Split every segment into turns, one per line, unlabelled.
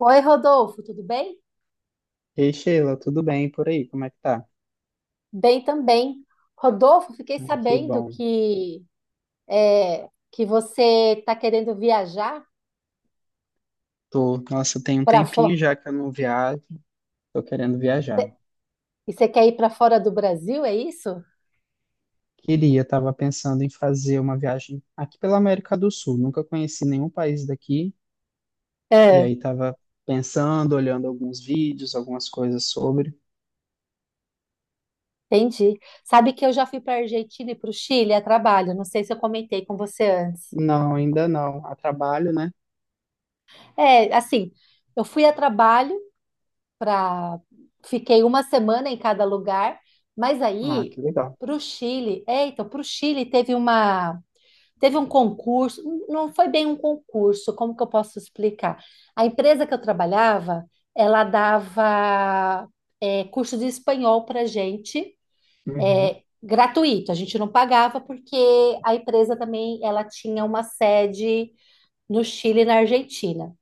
Oi, Rodolfo, tudo bem?
Ei, Sheila, tudo bem por aí? Como é que tá?
Bem também. Rodolfo, fiquei
Ai, que
sabendo
bom.
que que você está querendo viajar
Tô, nossa, tem um
para fora
tempinho já que eu não viajo, tô querendo viajar.
e você quer ir para fora do Brasil, é isso?
Queria, tava pensando em fazer uma viagem aqui pela América do Sul, nunca conheci nenhum país daqui, e
É.
aí tava pensando, olhando alguns vídeos, algumas coisas sobre.
Entendi. Sabe que eu já fui para a Argentina e para o Chile a trabalho. Não sei se eu comentei com você antes.
Não, ainda não. A trabalho, né?
É, assim, eu fui a trabalho para fiquei uma semana em cada lugar, mas
Ah,
aí
que legal.
para o Chile, é, então para o Chile teve uma teve um concurso, não foi bem um concurso, como que eu posso explicar? A empresa que eu trabalhava, ela dava curso de espanhol para gente,
Uhum,
é, gratuito. A gente não pagava porque a empresa também ela tinha uma sede no Chile e na Argentina.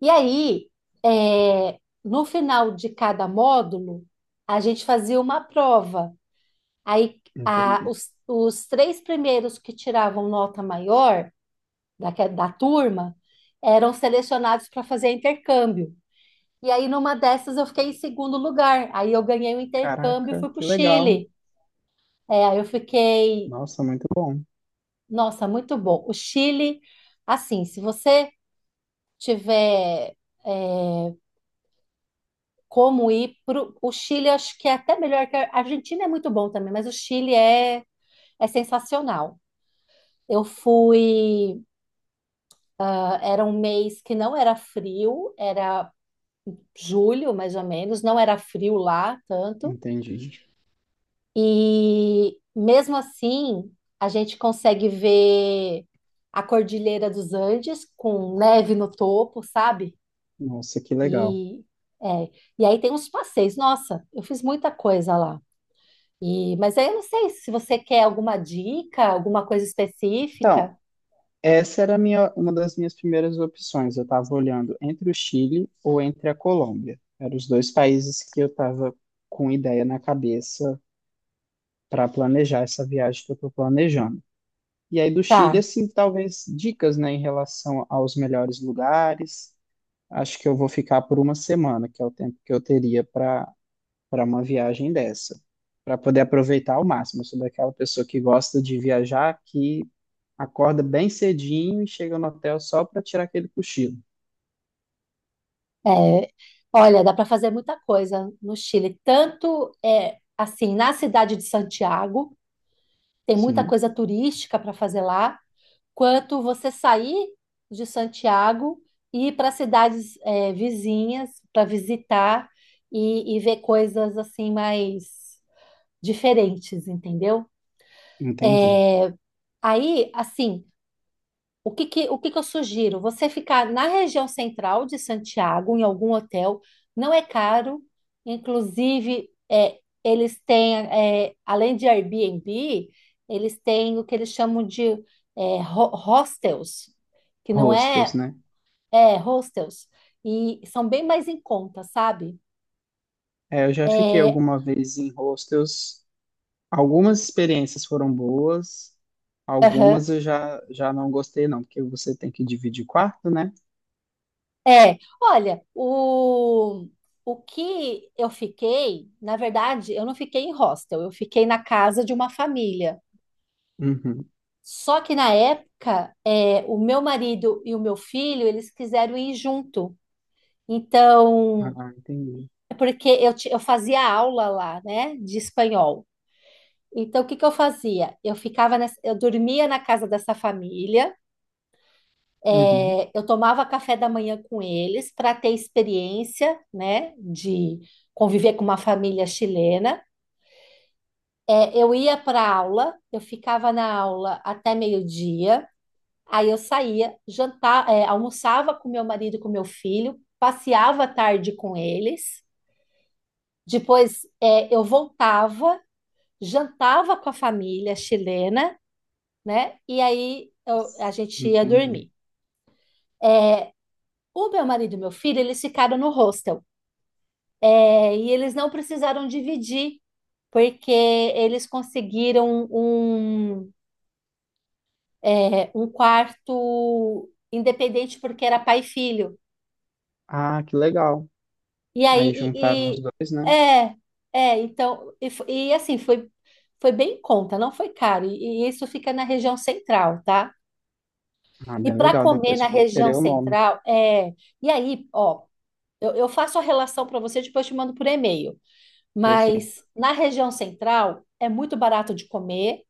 E aí, é, no final de cada módulo, a gente fazia uma prova. Aí,
entendi.
os três primeiros que tiravam nota maior da turma eram selecionados para fazer intercâmbio. E aí, numa dessas, eu fiquei em segundo lugar. Aí, eu ganhei o intercâmbio e
Caraca,
fui para o
que legal.
Chile. É, aí eu fiquei,
Nossa, muito bom.
nossa, muito bom. O Chile, assim, se você tiver é, como ir para o Chile, acho que é até melhor que a Argentina é muito bom também, mas o Chile é, é sensacional. Eu fui, ah, era um mês que não era frio, era julho, mais ou menos, não era frio lá tanto.
Entendi.
E mesmo assim, a gente consegue ver a Cordilheira dos Andes com neve no topo, sabe?
Nossa, que legal.
E é, e aí tem uns passeios. Nossa, eu fiz muita coisa lá. E, mas aí eu não sei se você quer alguma dica, alguma coisa
Então,
específica.
essa era a minha, uma das minhas primeiras opções. Eu estava olhando entre o Chile ou entre a Colômbia. Eram os dois países que eu estava com ideia na cabeça para planejar essa viagem que eu estou planejando. E aí do Chile,
Tá.
assim, talvez dicas, né, em relação aos melhores lugares. Acho que eu vou ficar por uma semana, que é o tempo que eu teria para uma viagem dessa, para poder aproveitar ao máximo. Eu sou daquela pessoa que gosta de viajar, que acorda bem cedinho e chega no hotel só para tirar aquele cochilo.
é, Olha, dá para fazer muita coisa no Chile, tanto é, assim na cidade de Santiago tem muita
Sim,
coisa turística para fazer lá, quanto você sair de Santiago e ir para cidades vizinhas para visitar e ver coisas assim mais diferentes, entendeu?
entendi.
Aí, assim, o que que eu sugiro? Você ficar na região central de Santiago, em algum hotel, não é caro. Inclusive, eles têm, além de Airbnb, eles têm o que eles chamam de hostels, que não
Hostels,
é,
né?
é hostels, e são bem mais em conta, sabe?
É, eu já fiquei
É,
alguma vez em hostels. Algumas experiências foram boas,
aham.
algumas eu já não gostei, não, porque você tem que dividir quarto, né?
É, olha, o que eu fiquei, na verdade, eu não fiquei em hostel, eu fiquei na casa de uma família.
Uhum.
Só que na época, é, o meu marido e o meu filho, eles quiseram ir junto. Então,
Ah, entendi.
é porque eu, eu fazia aula lá, né, de espanhol. Então, o que que eu fazia? Eu ficava, eu dormia na casa dessa família.
Uhum.
É, eu tomava café da manhã com eles para ter experiência, né, de conviver com uma família chilena. É, eu ia para aula, eu ficava na aula até meio-dia, aí eu saía, jantar, é, almoçava com meu marido e com meu filho, passeava à tarde com eles, depois é, eu voltava, jantava com a família chilena, né? E aí a gente ia
Entendi.
dormir. O meu marido e meu filho, eles ficaram no hostel. É, e eles não precisaram dividir, porque eles conseguiram um quarto independente, porque era pai e filho.
Ah, que legal.
E aí,
Aí juntaram os
e, e-
dois, né?
é, é, então, e assim, foi, foi bem em conta, não foi caro. E isso fica na região central, tá?
Ah,
E
bem
para
legal.
comer
Depois
na
eu vou
região
querer o nome.
central, é. E aí, ó, eu faço a relação para você, depois eu te mando por e-mail. Mas
Perfeito.
na região central é muito barato de comer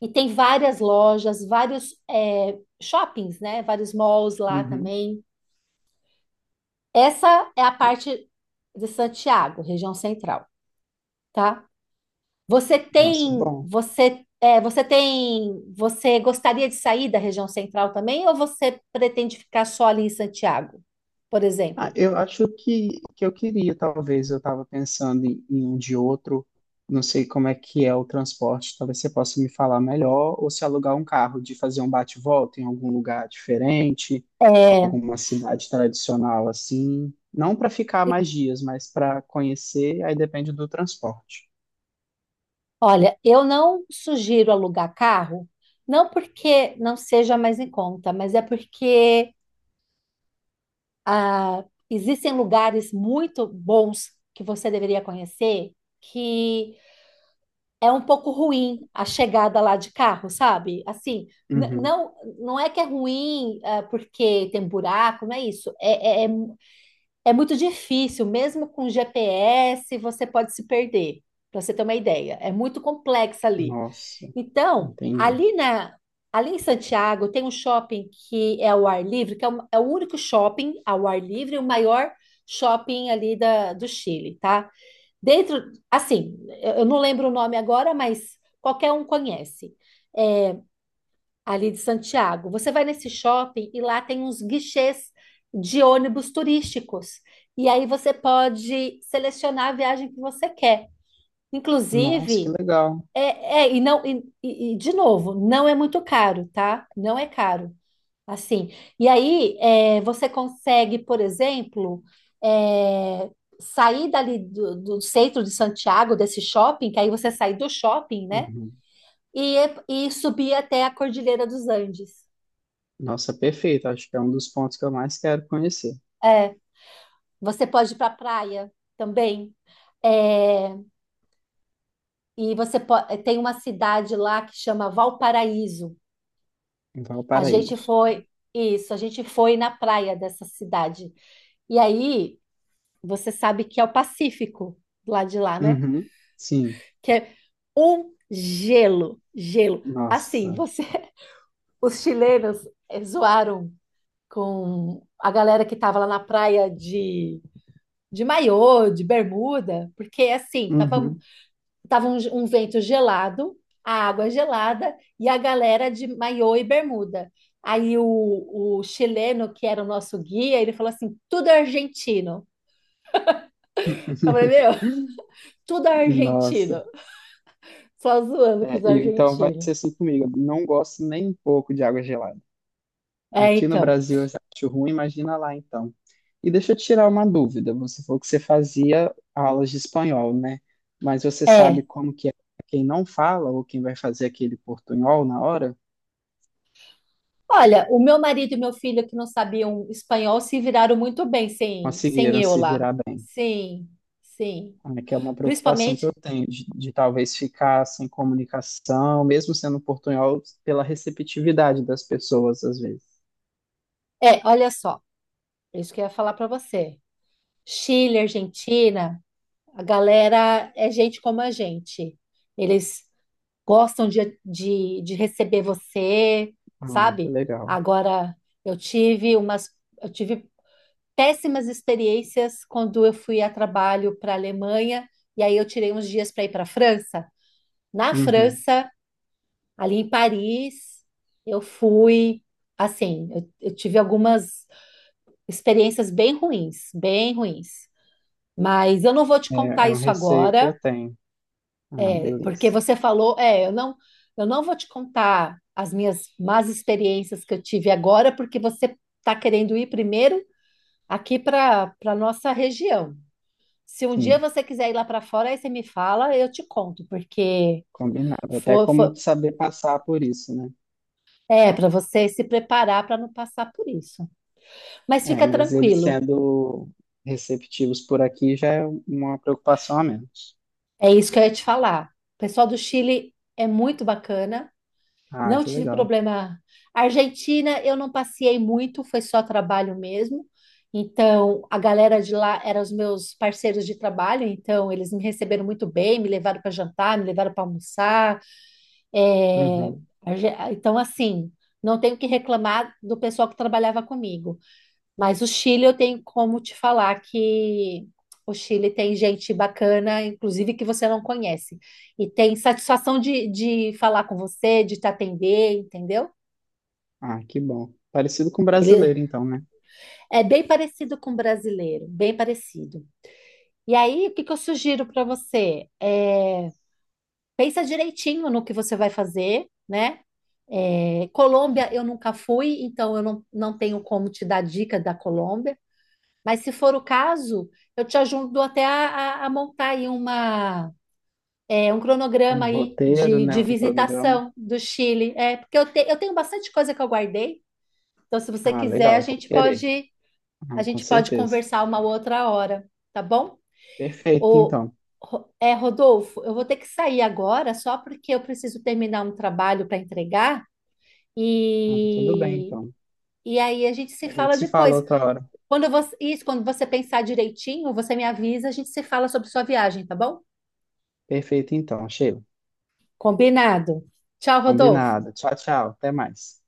e tem várias lojas, vários é, shoppings, né? Vários malls lá
Uhum.
também. Essa é a parte de Santiago, região central, tá? Você
Nossa, é
tem,
bom.
você, é, você tem, você gostaria de sair da região central também ou você pretende ficar só ali em Santiago, por
Ah,
exemplo?
eu acho que eu queria, talvez, eu estava pensando em um de outro, não sei como é que é o transporte, talvez você possa me falar melhor, ou se alugar um carro, de fazer um bate-volta em algum lugar diferente,
É,
alguma cidade tradicional assim, não para ficar mais dias, mas para conhecer, aí depende do transporte.
olha, eu não sugiro alugar carro, não porque não seja mais em conta, mas é porque ah, existem lugares muito bons que você deveria conhecer que é um pouco ruim a chegada lá de carro, sabe? Assim, n-
Uhum.
não, não é que é ruim ah, porque tem buraco, não é isso. É muito difícil, mesmo com GPS, você pode se perder, para você ter uma ideia. É muito complexo ali.
Nossa,
Então,
entendi.
ali em Santiago tem um shopping que é ao ar livre, que é é o único shopping ao ar livre, o maior shopping ali do Chile, tá? Dentro, assim, eu não lembro o nome agora, mas qualquer um conhece. É, ali de Santiago. Você vai nesse shopping e lá tem uns guichês de ônibus turísticos. E aí você pode selecionar a viagem que você quer.
Nossa, que
Inclusive,
legal.
é, é, e não, e, de novo, não é muito caro, tá? Não é caro, assim. E aí, é, você consegue, por exemplo, é, sair dali do centro de Santiago, desse shopping, que aí você sai do shopping, né?
Uhum.
E, e subir até a Cordilheira dos Andes.
Nossa, perfeito, acho que é um dos pontos que eu mais quero conhecer,
É, você pode ir para a praia também. É, e tem uma cidade lá que chama Valparaíso.
em
A gente
Valparaíso.
foi, isso, a gente foi na praia dessa cidade. E aí, você sabe que é o Pacífico, lá de lá, né?
Uhum, sim.
Que é um gelo, gelo. Assim,
Nossa.
você, os chilenos zoaram com a galera que tava lá na praia de maiô, de bermuda, porque assim,
Uhum.
tava um vento gelado, a água gelada e a galera de maiô e bermuda. Aí o chileno, que era o nosso guia, ele falou assim: tudo é argentino. Eu falei: meu, tudo é
Nossa.
argentino. Só zoando com
É,
os
e- então vai
argentinos.
ser assim comigo. Eu não gosto nem um pouco de água gelada.
É,
Aqui no
então.
Brasil eu já acho ruim, imagina lá então. E deixa eu tirar uma dúvida. Você falou que você fazia aulas de espanhol, né? Mas você sabe
É.
como que é pra quem não fala ou quem vai fazer aquele portunhol na hora?
Olha, o meu marido e meu filho, que não sabiam espanhol, se viraram muito bem sem, sem
Conseguiram
eu
se
lá.
virar bem.
Sim, sim.
Ah, que é uma preocupação que
Principalmente,
eu tenho, de talvez ficar sem comunicação, mesmo sendo portunhol, pela receptividade das pessoas, às vezes.
é, olha só, isso que eu ia falar para você. Chile, Argentina, a galera é gente como a gente. Eles gostam de receber você,
Ah, que
sabe?
legal.
Agora, eu tive umas, eu tive péssimas experiências quando eu fui a trabalho para a Alemanha e aí eu tirei uns dias para ir para a França. Na
Uhum.
França, ali em Paris, eu fui assim, eu tive algumas experiências bem ruins, bem ruins. Mas eu não vou te
É,
contar
é um
isso
receio que eu
agora.
tenho. Ah,
Porque
beleza.
você falou, eu não vou te contar as minhas más experiências que eu tive agora, porque você está querendo ir primeiro aqui para nossa região. Se um dia
Sim,
você quiser ir lá para fora, aí você me fala, eu te conto, porque
combinado. Até
for, for-
como saber passar por isso, né?
é para você se preparar para não passar por isso. Mas
É,
fica
mas eles
tranquilo,
sendo receptivos por aqui já é uma preocupação a menos.
é isso que eu ia te falar. O pessoal do Chile é muito bacana.
Ah,
Não
que
tive
legal.
problema. Argentina, eu não passeei muito, foi só trabalho mesmo. Então, a galera de lá eram os meus parceiros de trabalho, então eles me receberam muito bem, me levaram para jantar, me levaram para almoçar. É,
Uhum.
Então, assim, não tenho o que reclamar do pessoal que trabalhava comigo. Mas o Chile eu tenho como te falar que o Chile tem gente bacana, inclusive que você não conhece. E tem satisfação de falar com você, de te atender, entendeu?
Ah, que bom. Parecido com o
Ele
brasileiro, então, né?
é bem parecido com o brasileiro, bem parecido. E aí, o que que eu sugiro para você? É, pensa direitinho no que você vai fazer, né? É, Colômbia eu nunca fui, então eu não, não tenho como te dar dica da Colômbia. Mas se for o caso, eu te ajudo até a montar aí uma, é, um cronograma
Um
aí
roteiro,
de
né? Um cronograma.
visitação do Chile. É, porque eu, eu tenho bastante coisa que eu guardei. Então, se você
Ah, legal,
quiser,
eu vou querer.
a
Ah, com
gente pode
certeza.
conversar uma outra hora, tá bom?
Perfeito,
O,
então.
Rodolfo, eu vou ter que sair agora só porque eu preciso terminar um trabalho para entregar
Ah, tudo bem,
e,
então.
e aí a gente se
A gente
fala
se fala
depois.
outra hora.
Quando você pensar direitinho, você me avisa, a gente se fala sobre sua viagem, tá bom?
Perfeito, então, Sheila.
Combinado. Tchau, Rodolfo.
Combinado. Tchau, tchau. Até mais.